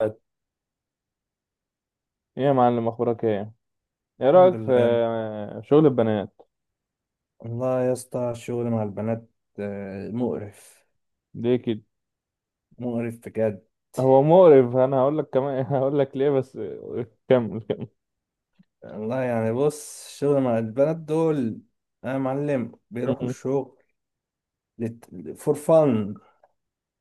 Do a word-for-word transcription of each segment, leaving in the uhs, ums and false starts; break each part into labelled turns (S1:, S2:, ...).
S1: ايه يا معلم، اخبارك ايه؟ ايه
S2: الحمد
S1: رايك في
S2: لله.
S1: شغل البنات؟
S2: والله يا اسطى، الشغل مع البنات آه، مقرف.
S1: ليه كده؟
S2: مقرف بجد.
S1: هو مقرف، انا هقول لك كمان. هقول لك ليه، بس كمل كمل.
S2: والله يعني بص، الشغل مع البنات دول يا معلم بيروحوا
S1: م-
S2: الشغل فور فن.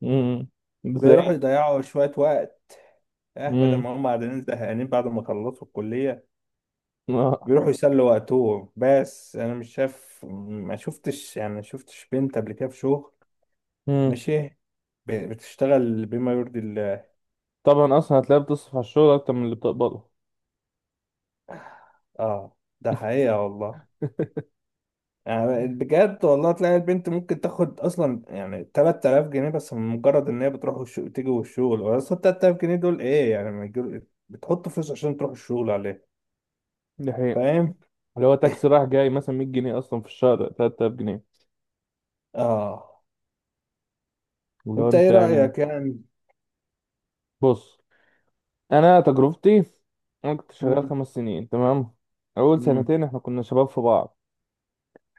S1: م- م.
S2: بيروحوا
S1: ازاي؟
S2: يضيعوا شوية وقت، اه، بدل
S1: م-
S2: ما هم قاعدين زهقانين بعد ما خلصوا الكلية.
S1: آه.
S2: بيروحوا يسلوا وقتهم، بس انا مش شايف، ما شفتش يعني ما شفتش بنت قبل كده في شغل
S1: م.
S2: ماشي ب- بتشتغل بما يرضي الله.
S1: طبعا اصلا هتلاقيها بتصرف على الشغل اكتر من اللي بتقبضه.
S2: اه، ده حقيقة والله. يعني بجد والله تلاقي البنت ممكن تاخد اصلا يعني ثلاثة آلاف جنيه بس، من مجرد ان هي بتروح والش... تيجي، والشغل اصلا تلات تلاف جنيه دول ايه يعني، ما يجيب... بتحط فلوس عشان تروح الشغل عليه.
S1: دي حقيقة.
S2: فاهم؟
S1: اللي هو تاكسي رايح جاي مثلا مية جنيه، اصلا في الشهر ثلاثة آلاف جنيه.
S2: اه.
S1: اللي هو
S2: انت
S1: انت
S2: ايه
S1: يعني.
S2: رأيك يعني؟
S1: بص، انا تجربتي. انا كنت شغال
S2: مم.
S1: خمس سنين، تمام. اول
S2: مم.
S1: سنتين احنا كنا شباب في بعض.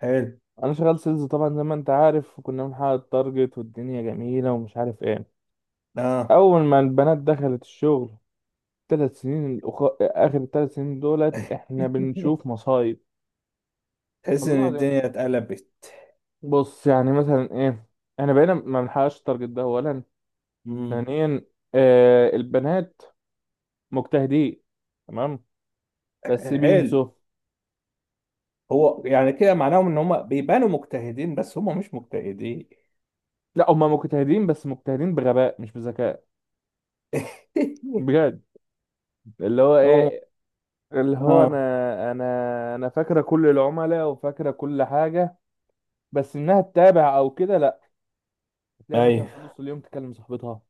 S2: حلو.
S1: انا شغال سيلز طبعا زي ما انت عارف، وكنا بنحقق التارجت والدنيا جميله ومش عارف ايه.
S2: اه.
S1: اول ما البنات دخلت الشغل، ثلاث سنين، الأخ... اخر ثلاث سنين دولت احنا بنشوف مصايب.
S2: تحس ان
S1: والله ده.
S2: الدنيا اتقلبت.
S1: بص يعني مثلا ايه، احنا بقينا ما بنحققش التارجت، ده اولا.
S2: مم.
S1: ثانيا، آه البنات مجتهدين، تمام، بس
S2: حلو.
S1: بينسوا.
S2: هو يعني كده معناهم ان هم بيبانوا مجتهدين بس هم مش مجتهدين.
S1: لا، هم مجتهدين بس مجتهدين بغباء مش بذكاء. بجد. اللي هو
S2: هم.
S1: ايه، اللي هو
S2: اه.
S1: انا انا. انا فاكره كل العملاء وفاكره كل حاجه، بس انها تتابع او كده لا. تلاقي مثلا
S2: ايوه.
S1: في نص اليوم تكلم صاحبتها.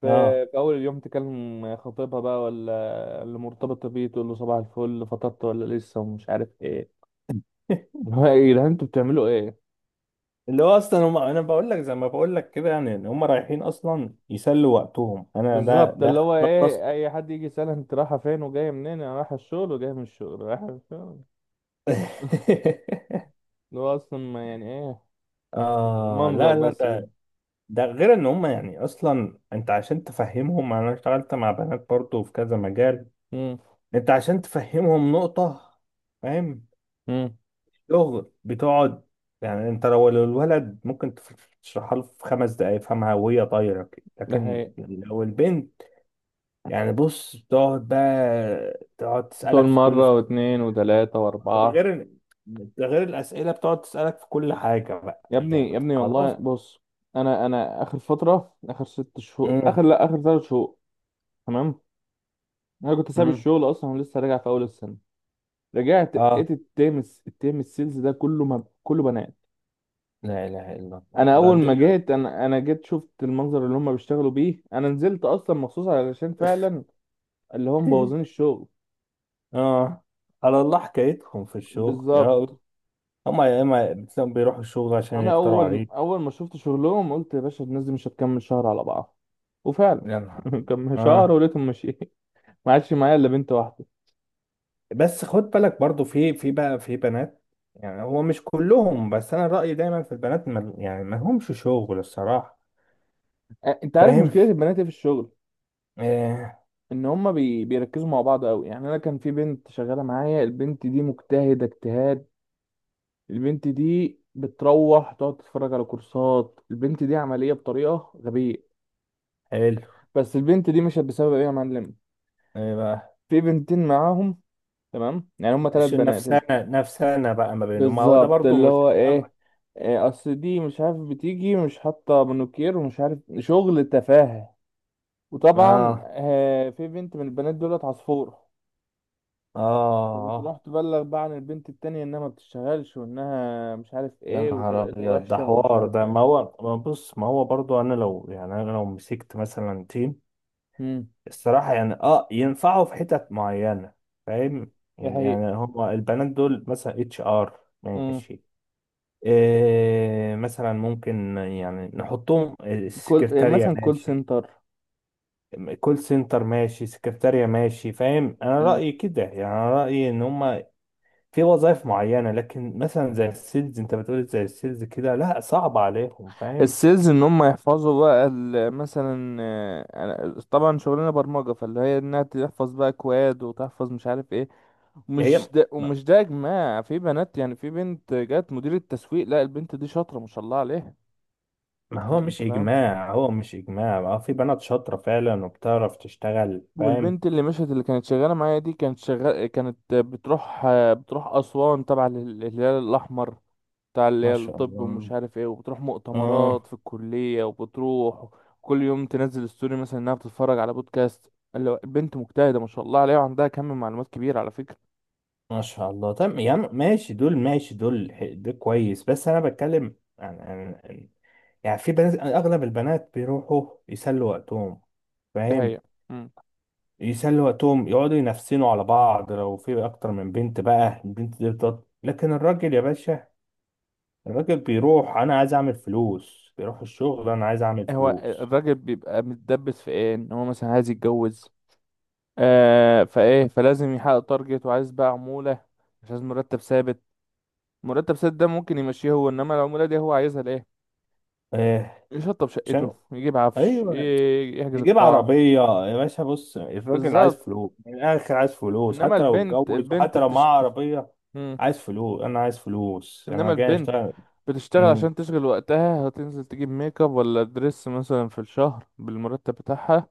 S1: في
S2: اه.
S1: في اول اليوم تكلم خطيبها بقى ولا اللي مرتبطه بيه، تقول له صباح الفل، فطرت ولا لسه ومش عارف ايه. اللي هو ايه ده، انتوا بتعملوا ايه؟
S2: اللي هو اصلا هم، انا بقول لك زي ما بقول لك كده، يعني ان هم رايحين اصلا يسلوا وقتهم انا، ده
S1: بالظبط. اللي
S2: ده
S1: هو
S2: ده خلاص.
S1: ايه، اي حد يجي يسألها انت رايحه فين وجايه منين؟ انا رايحه الشغل وجايه من الشغل، رايحه الشغل. اللي هو اصلا ما يعني ايه،
S2: اه.
S1: منظر
S2: لا لا،
S1: بس كده.
S2: ده ده غير ان هم يعني اصلا. انت عشان تفهمهم، انا اشتغلت مع بنات برضو في كذا مجال.
S1: امم.
S2: انت عشان تفهمهم نقطة، فاهم؟
S1: امم.
S2: شغل بتقعد، يعني انت لو الولد ممكن تف- تشرحها له في خمس دقايق يفهمها وهي طايرة كده،
S1: ده
S2: لكن
S1: حقيقي.
S2: لو البنت، يعني بص، تقعد بقى تقعد
S1: تقول
S2: تسألك في كل،
S1: مرة واتنين وتلاتة
S2: ده
S1: وأربعة.
S2: غير ال- ده غير الاسئله، بتقعد تسالك في كل حاجه بقى،
S1: يا
S2: يعني
S1: ابني يا
S2: طب
S1: ابني، والله
S2: خلاص.
S1: بص، أنا أنا آخر فترة، آخر ست شهور، آخر
S2: امم.
S1: لأ، آخر تلات شهور، تمام. أنا كنت ساب
S2: امم.
S1: الشغل أصلا ولسه راجع في أول السنة. رجعت
S2: اه.
S1: لقيت التيم الس- التيم السيلز ده كله ما كله بنات.
S2: لا اله الا الله،
S1: أنا
S2: ده
S1: أول ما
S2: الدنيا.
S1: جيت، أنا أنا جيت شفت المنظر اللي هم بيشتغلوا بيه، أنا نزلت أصلا مخصوص علشان فعلا اللي هم مبوظين الشغل.
S2: اه، على الله حكايتهم في الشغل يا.
S1: بالظبط.
S2: هم يا اما بتلاقيهم بيروحوا الشغل عشان
S1: انا
S2: يختاروا
S1: اول
S2: عليك.
S1: اول ما شفت شغلهم قلت يا باشا، الناس دي مش هتكمل شهر على بعض. وفعلا،
S2: يا نهار.
S1: كم شهر
S2: اه.
S1: ولقيتهم ماشيين. ما عادش معايا الا بنت واحده.
S2: بس خد بالك برضو، في، في بقى في بنات، يعني هو مش كلهم، بس انا رايي دايما في البنات ما، يعني ما لهمش شغل الصراحه.
S1: أ- انت عارف
S2: فاهم؟
S1: مشكله البنات إيه في الشغل؟
S2: آه.
S1: ان هما بي... بيركزوا مع بعض قوي. يعني انا كان في بنت شغاله معايا، البنت دي مجتهده اجتهاد. البنت دي بتروح تقعد تتفرج على كورسات، البنت دي عمليه بطريقه غبيه.
S2: حلو.
S1: بس البنت دي مشت بسبب ايه يا معلم؟
S2: ايه بقى؟
S1: في بنتين معاهم، تمام، يعني هما ثلاث
S2: شو
S1: بنات.
S2: نفسنا نفسنا بقى ما بينه، ما هو ده
S1: بالظبط.
S2: برضه
S1: اللي
S2: مش.
S1: هو ايه، إيه، اصل دي مش عارف بتيجي مش حاطه مانوكير ومش عارف شغل تفاهه. وطبعا
S2: اه.
S1: آه، في بنت من البنات دولت عصفور، فبتروح
S2: اه.
S1: تبلغ بقى عن البنت التانية انها ما بتشتغلش وانها مش عارف
S2: يا
S1: ايه
S2: نهار
S1: وطريقتها
S2: ابيض، ده
S1: وحشة ومش
S2: حوار!
S1: عارف
S2: ده
S1: ايه.
S2: ما هو، ما بص، ما هو برضو انا لو يعني، انا لو مسكت مثلا تيم،
S1: امم.
S2: الصراحه يعني اه ينفعوا في حتت معينه. فاهم؟
S1: دي
S2: يعني، يعني
S1: حقيقة.
S2: هما البنات دول مثلا اتش ار
S1: امم.
S2: ماشي، إيه مثلا، ممكن يعني نحطهم
S1: كل إيه،
S2: السكرتارية
S1: مثلا كول
S2: ماشي،
S1: سنتر.
S2: كول سنتر ماشي، سكرتارية ماشي. فاهم؟ انا
S1: امم.
S2: رأيي كده، يعني انا رأيي ان هما في وظائف معينة، لكن مثلا زي السيلز، انت بتقول زي السيلز كده، لا صعب عليهم. فاهم؟
S1: السيلز ان هم يحفظوا بقى ال- مثلا آه، أنا- طبعا شغلنا برمجة، فاللي هي انها تحفظ بقى كواد وتحفظ مش عارف ايه.
S2: هي،
S1: مش ده
S2: ما،
S1: ومش ده يا جماعة، في بنات يعني، في بنت جت مديرة تسويق، لا البنت دي شاطرة ما شاء الله عليها.
S2: ما هو مش
S1: انت فاهم.
S2: اجماع هو مش اجماع ما هو في بنات شاطرة فعلا وبتعرف تشتغل. فاهم؟
S1: والبنت اللي مشت اللي كانت شغالة معايا دي كانت شغال، كانت بتروح. بتروح أسوان تبع لل- الهلال الأحمر، بتاع اللي
S2: ما
S1: هي
S2: شاء
S1: الطب
S2: الله.
S1: ومش عارف ايه، وبتروح
S2: اه.
S1: مؤتمرات في الكلية وبتروح. كل يوم تنزل ستوري مثلا انها بتتفرج على بودكاست، اللي هو البنت مجتهدة ما شاء الله عليها، وعندها كم معلومات كبير على فكرة.
S2: ما شاء الله. طب يا عم ماشي دول، ماشي دول، ح- ده كويس، بس انا بتكلم عن عن- عن- يعني في بنات، اغلب البنات بيروحوا يسلوا وقتهم.
S1: دي
S2: فاهم؟
S1: حقيقة. مم.
S2: يسلوا وقتهم، يقعدوا ينفسنوا على بعض لو في اكتر من بنت بقى، البنت دي بتط... لكن الراجل يا باشا، الراجل بيروح، انا عايز اعمل فلوس، بيروح الشغل، انا عايز اعمل
S1: هو
S2: فلوس.
S1: الراجل بيبقى متدبس في ايه؟ ان هو مثلا عايز يتجوز، آه فايه، فلازم يحقق تارجت وعايز بقى عمولة. مش عايز مرتب ثابت، مرتب ثابت ده ممكن يمشيه هو، انما العمولة دي هو عايزها لايه؟
S2: آه.
S1: يشطب
S2: عشان،
S1: شقته، يجيب عفش،
S2: ايوه،
S1: ي- يحجز
S2: يجيب
S1: القاعة.
S2: عربيه. يا باشا بص، الراجل عايز
S1: بالظبط.
S2: فلوس من الاخر، عايز فلوس
S1: انما
S2: حتى لو
S1: البنت،
S2: اتجوز
S1: البنت
S2: وحتى لو
S1: بتشت...
S2: معاه عربيه. عايز فلوس، انا عايز فلوس، انا
S1: انما
S2: جاي
S1: البنت
S2: اشتغل.
S1: بتشتغل
S2: أمم،
S1: عشان تشغل وقتها، هتنزل تجيب ميك اب ولا دريس مثلا في الشهر بالمرتب بتاعها.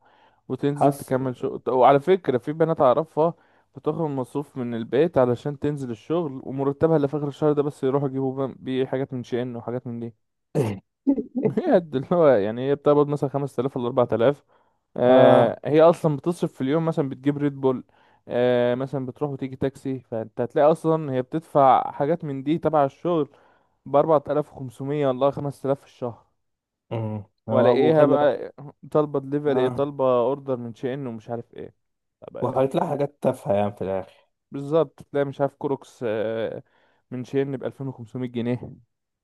S1: وتنزل
S2: حس.
S1: تكمل شغل ط- وعلى فكرة، في بنات أعرفها بتاخد مصروف من البيت علشان تنزل الشغل، ومرتبها اللي في آخر الشهر ده بس يروحوا يجيبوا بم- بيه حاجات من شين وحاجات من دي. هي قد اللي هو يعني، هي بتقبض مثلا خمس تلاف ولا اربع تلاف.
S2: اه.
S1: آه هي أصلا بتصرف في اليوم، مثلا بتجيب ريد بول. آه مثلا بتروح وتيجي تاكسي. فأنت هتلاقي أصلا هي بتدفع حاجات من دي تبع الشغل ب اربعة آلاف وخمسمية، والله خمس تلاف في الشهر.
S2: أمم،
S1: ولا
S2: هو،
S1: ايه،
S2: وخلي بقى.
S1: هبقى طالبة دليفري ايه،
S2: اه.
S1: طالبة اوردر من شين ومش عارف ايه. طب.
S2: وهيطلع حاجات تافهه يعني في الاخر.
S1: بالظبط، تلاقي مش عارف كروكس، آه، من شين ب الفين وخمسمية جنيه.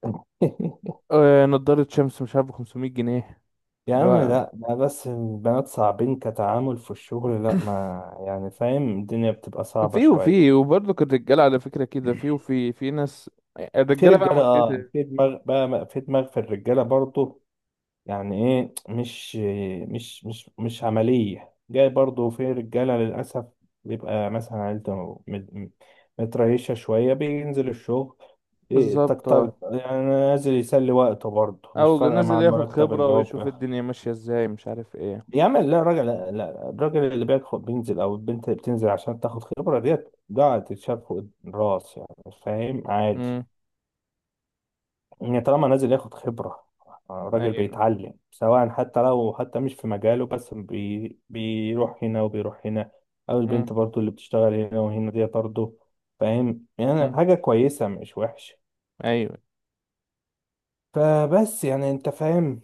S1: آه، نضارة شمس مش عارف ب خمسمية جنيه.
S2: يا
S1: اللي
S2: عم
S1: هو
S2: لا لا، بس البنات صعبين كتعامل في الشغل، لا ما يعني، فاهم، الدنيا بتبقى صعبة
S1: في
S2: شوية.
S1: وفي، وبرضه الرجالة على فكرة كده، في وفي في ناس.
S2: في
S1: الرجالة بقى
S2: رجالة،
S1: مشكلتها
S2: اه،
S1: إيه؟
S2: في دماغ بقى، في دماغ في الرجالة برضو، يعني ايه، مش مش مش مش عملية، جاي برضو في رجالة للأسف، بيبقى مثلا عيلته مت- متريشة شوية بينزل الشغل، إيه، طق
S1: بالظبط،
S2: طق،
S1: اه.
S2: يعني نازل يسلي وقته برضه مش
S1: او
S2: فارقة مع
S1: نازل ياخد
S2: المرتب
S1: خبرة
S2: اللي هو.
S1: ويشوف الدنيا ماشية ازاي مش عارف ايه.
S2: يا عم لا، الراجل لا لا، الراجل اللي بياخد بينزل او البنت اللي بتنزل عشان تاخد خبره ديت، ده تتشاف فوق الراس، يعني فاهم، عادي.
S1: امم.
S2: يعني طالما نازل ياخد خبره، الراجل
S1: ايوه.
S2: بيتعلم سواء حتى لو حتى مش في مجاله، بس بي بيروح هنا وبيروح هنا، او البنت برضو اللي بتشتغل هنا وهنا دي برضو، فاهم، يعني
S1: امم.
S2: حاجه كويسه مش وحشه.
S1: ايوه.
S2: فبس يعني انت فاهم.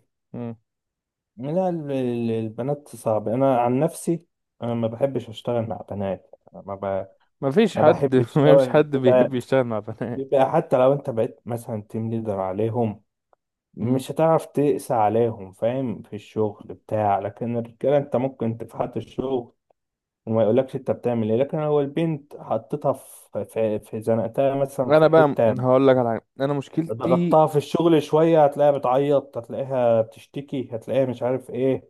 S2: لا، ال- ال- البنات صعب، انا عن نفسي انا ما بحبش اشتغل مع بنات، ما ب...
S1: ما فيش
S2: ما
S1: حد
S2: بحبش.
S1: ما فيش
S2: أول
S1: حد بيحب
S2: بيبقى،
S1: يشتغل مع بنات.
S2: بيبقى حتى لو أنت بقيت مثلا تيم ليدر عليهم،
S1: مم.
S2: مش هتعرف تقسى عليهم. فاهم؟ في الشغل بتاع، لكن الرجالة أنت ممكن تفحت الشغل وما يقولكش أنت بتعمل إيه، لكن لو البنت حطيتها في في في زنقتها مثلا في
S1: انا بقى
S2: حتة،
S1: هقول لك على حاجه، انا مشكلتي،
S2: ضغطتها في الشغل شوية، هتلاقيها بتعيط، هتلاقيها بتشتكي، هتلاقيها مش عارف إيه.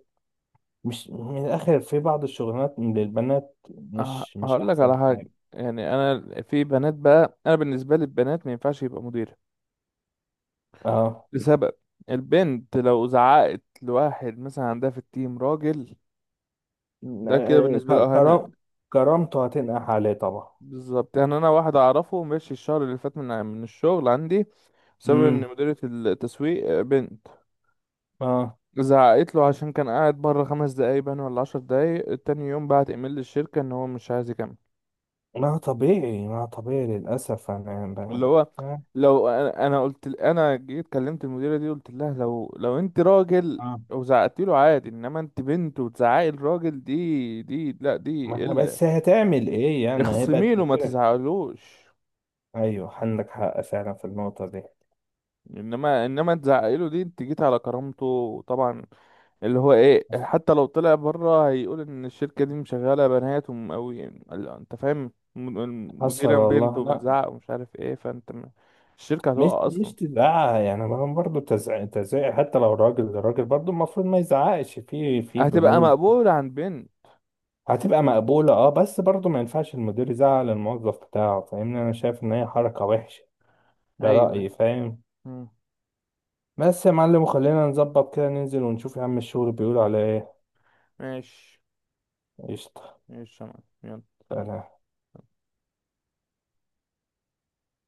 S2: مش من الآخر، في بعض الشغلانات من البنات
S1: آه،
S2: مش، مش
S1: هقول لك على
S2: أحسن
S1: حاجه.
S2: حاجة.
S1: يعني انا في بنات بقى، انا بالنسبه لي البنات ما ينفعش يبقى مديره،
S2: اه.
S1: لسبب. البنت لو زعقت لواحد مثلا عندها في التيم راجل، ده كده بالنسبه له
S2: ك-
S1: اهانه.
S2: كرام، كرامته هتنقح عليه طبعا.
S1: بالظبط. يعني انا واحد اعرفه ماشي الشهر اللي فات من من الشغل عندي، بسبب ان
S2: امم.
S1: مديره التسويق بنت.
S2: اه.
S1: زعقت له عشان كان قاعد بره خمس دقايق باين ولا عشر دقايق، تاني يوم بعت ايميل للشركة ان هو مش عايز يكمل.
S2: ما طبيعي، ما طبيعي للأسف. أنا ب...
S1: اللي هو، لو انا، أنا قلت ل- انا جيت كلمت المديرة دي، قلت لها لو لو انت راجل
S2: آه.
S1: وزعقتي له عادي، انما انت بنت وتزعقي الراجل، دي دي لا،
S2: ما
S1: دي
S2: هي-
S1: الا.
S2: بس هتعمل إيه يعني، ما هي بقت
S1: اخصمي له ما
S2: مديرة.
S1: تزعقلوش.
S2: أيوه، عندك حق فعلا في النقطة دي.
S1: انما انما تزعقي له دي، انت جيت على كرامته طبعا. اللي هو ايه، حتى لو طلع بره هيقول ان الشركة دي مشغلة بنات، وم- أوي يعني ال- انت فاهم، الم-
S2: حصل
S1: المديرة بنت
S2: والله، لا.
S1: وبتزعق ومش عارف ايه، فانت م- الشركة
S2: مش
S1: هتقع
S2: مش
S1: اصلا.
S2: تزعق يعني، ما برضه تزعق، تزعق حتى لو راجل، الراجل برضه المفروض ما يزعقش في في
S1: هتبقى
S2: بنود.
S1: مقبولة عند بنت.
S2: هتبقى مقبولة. اه، بس برضه ما ينفعش المدير يزعق للموظف بتاعه، فاهمني؟ أنا شايف إن هي حركة وحشة. ده
S1: ايوه.
S2: رأيي، فاهم؟
S1: مم.
S2: بس يا معلم، وخلينا نظبط كده، ننزل ونشوف يا عم الشغل بيقول على ايه.
S1: ماشي.
S2: قشطة.
S1: ماشي يا معلم. يلا، سلام.
S2: سلام.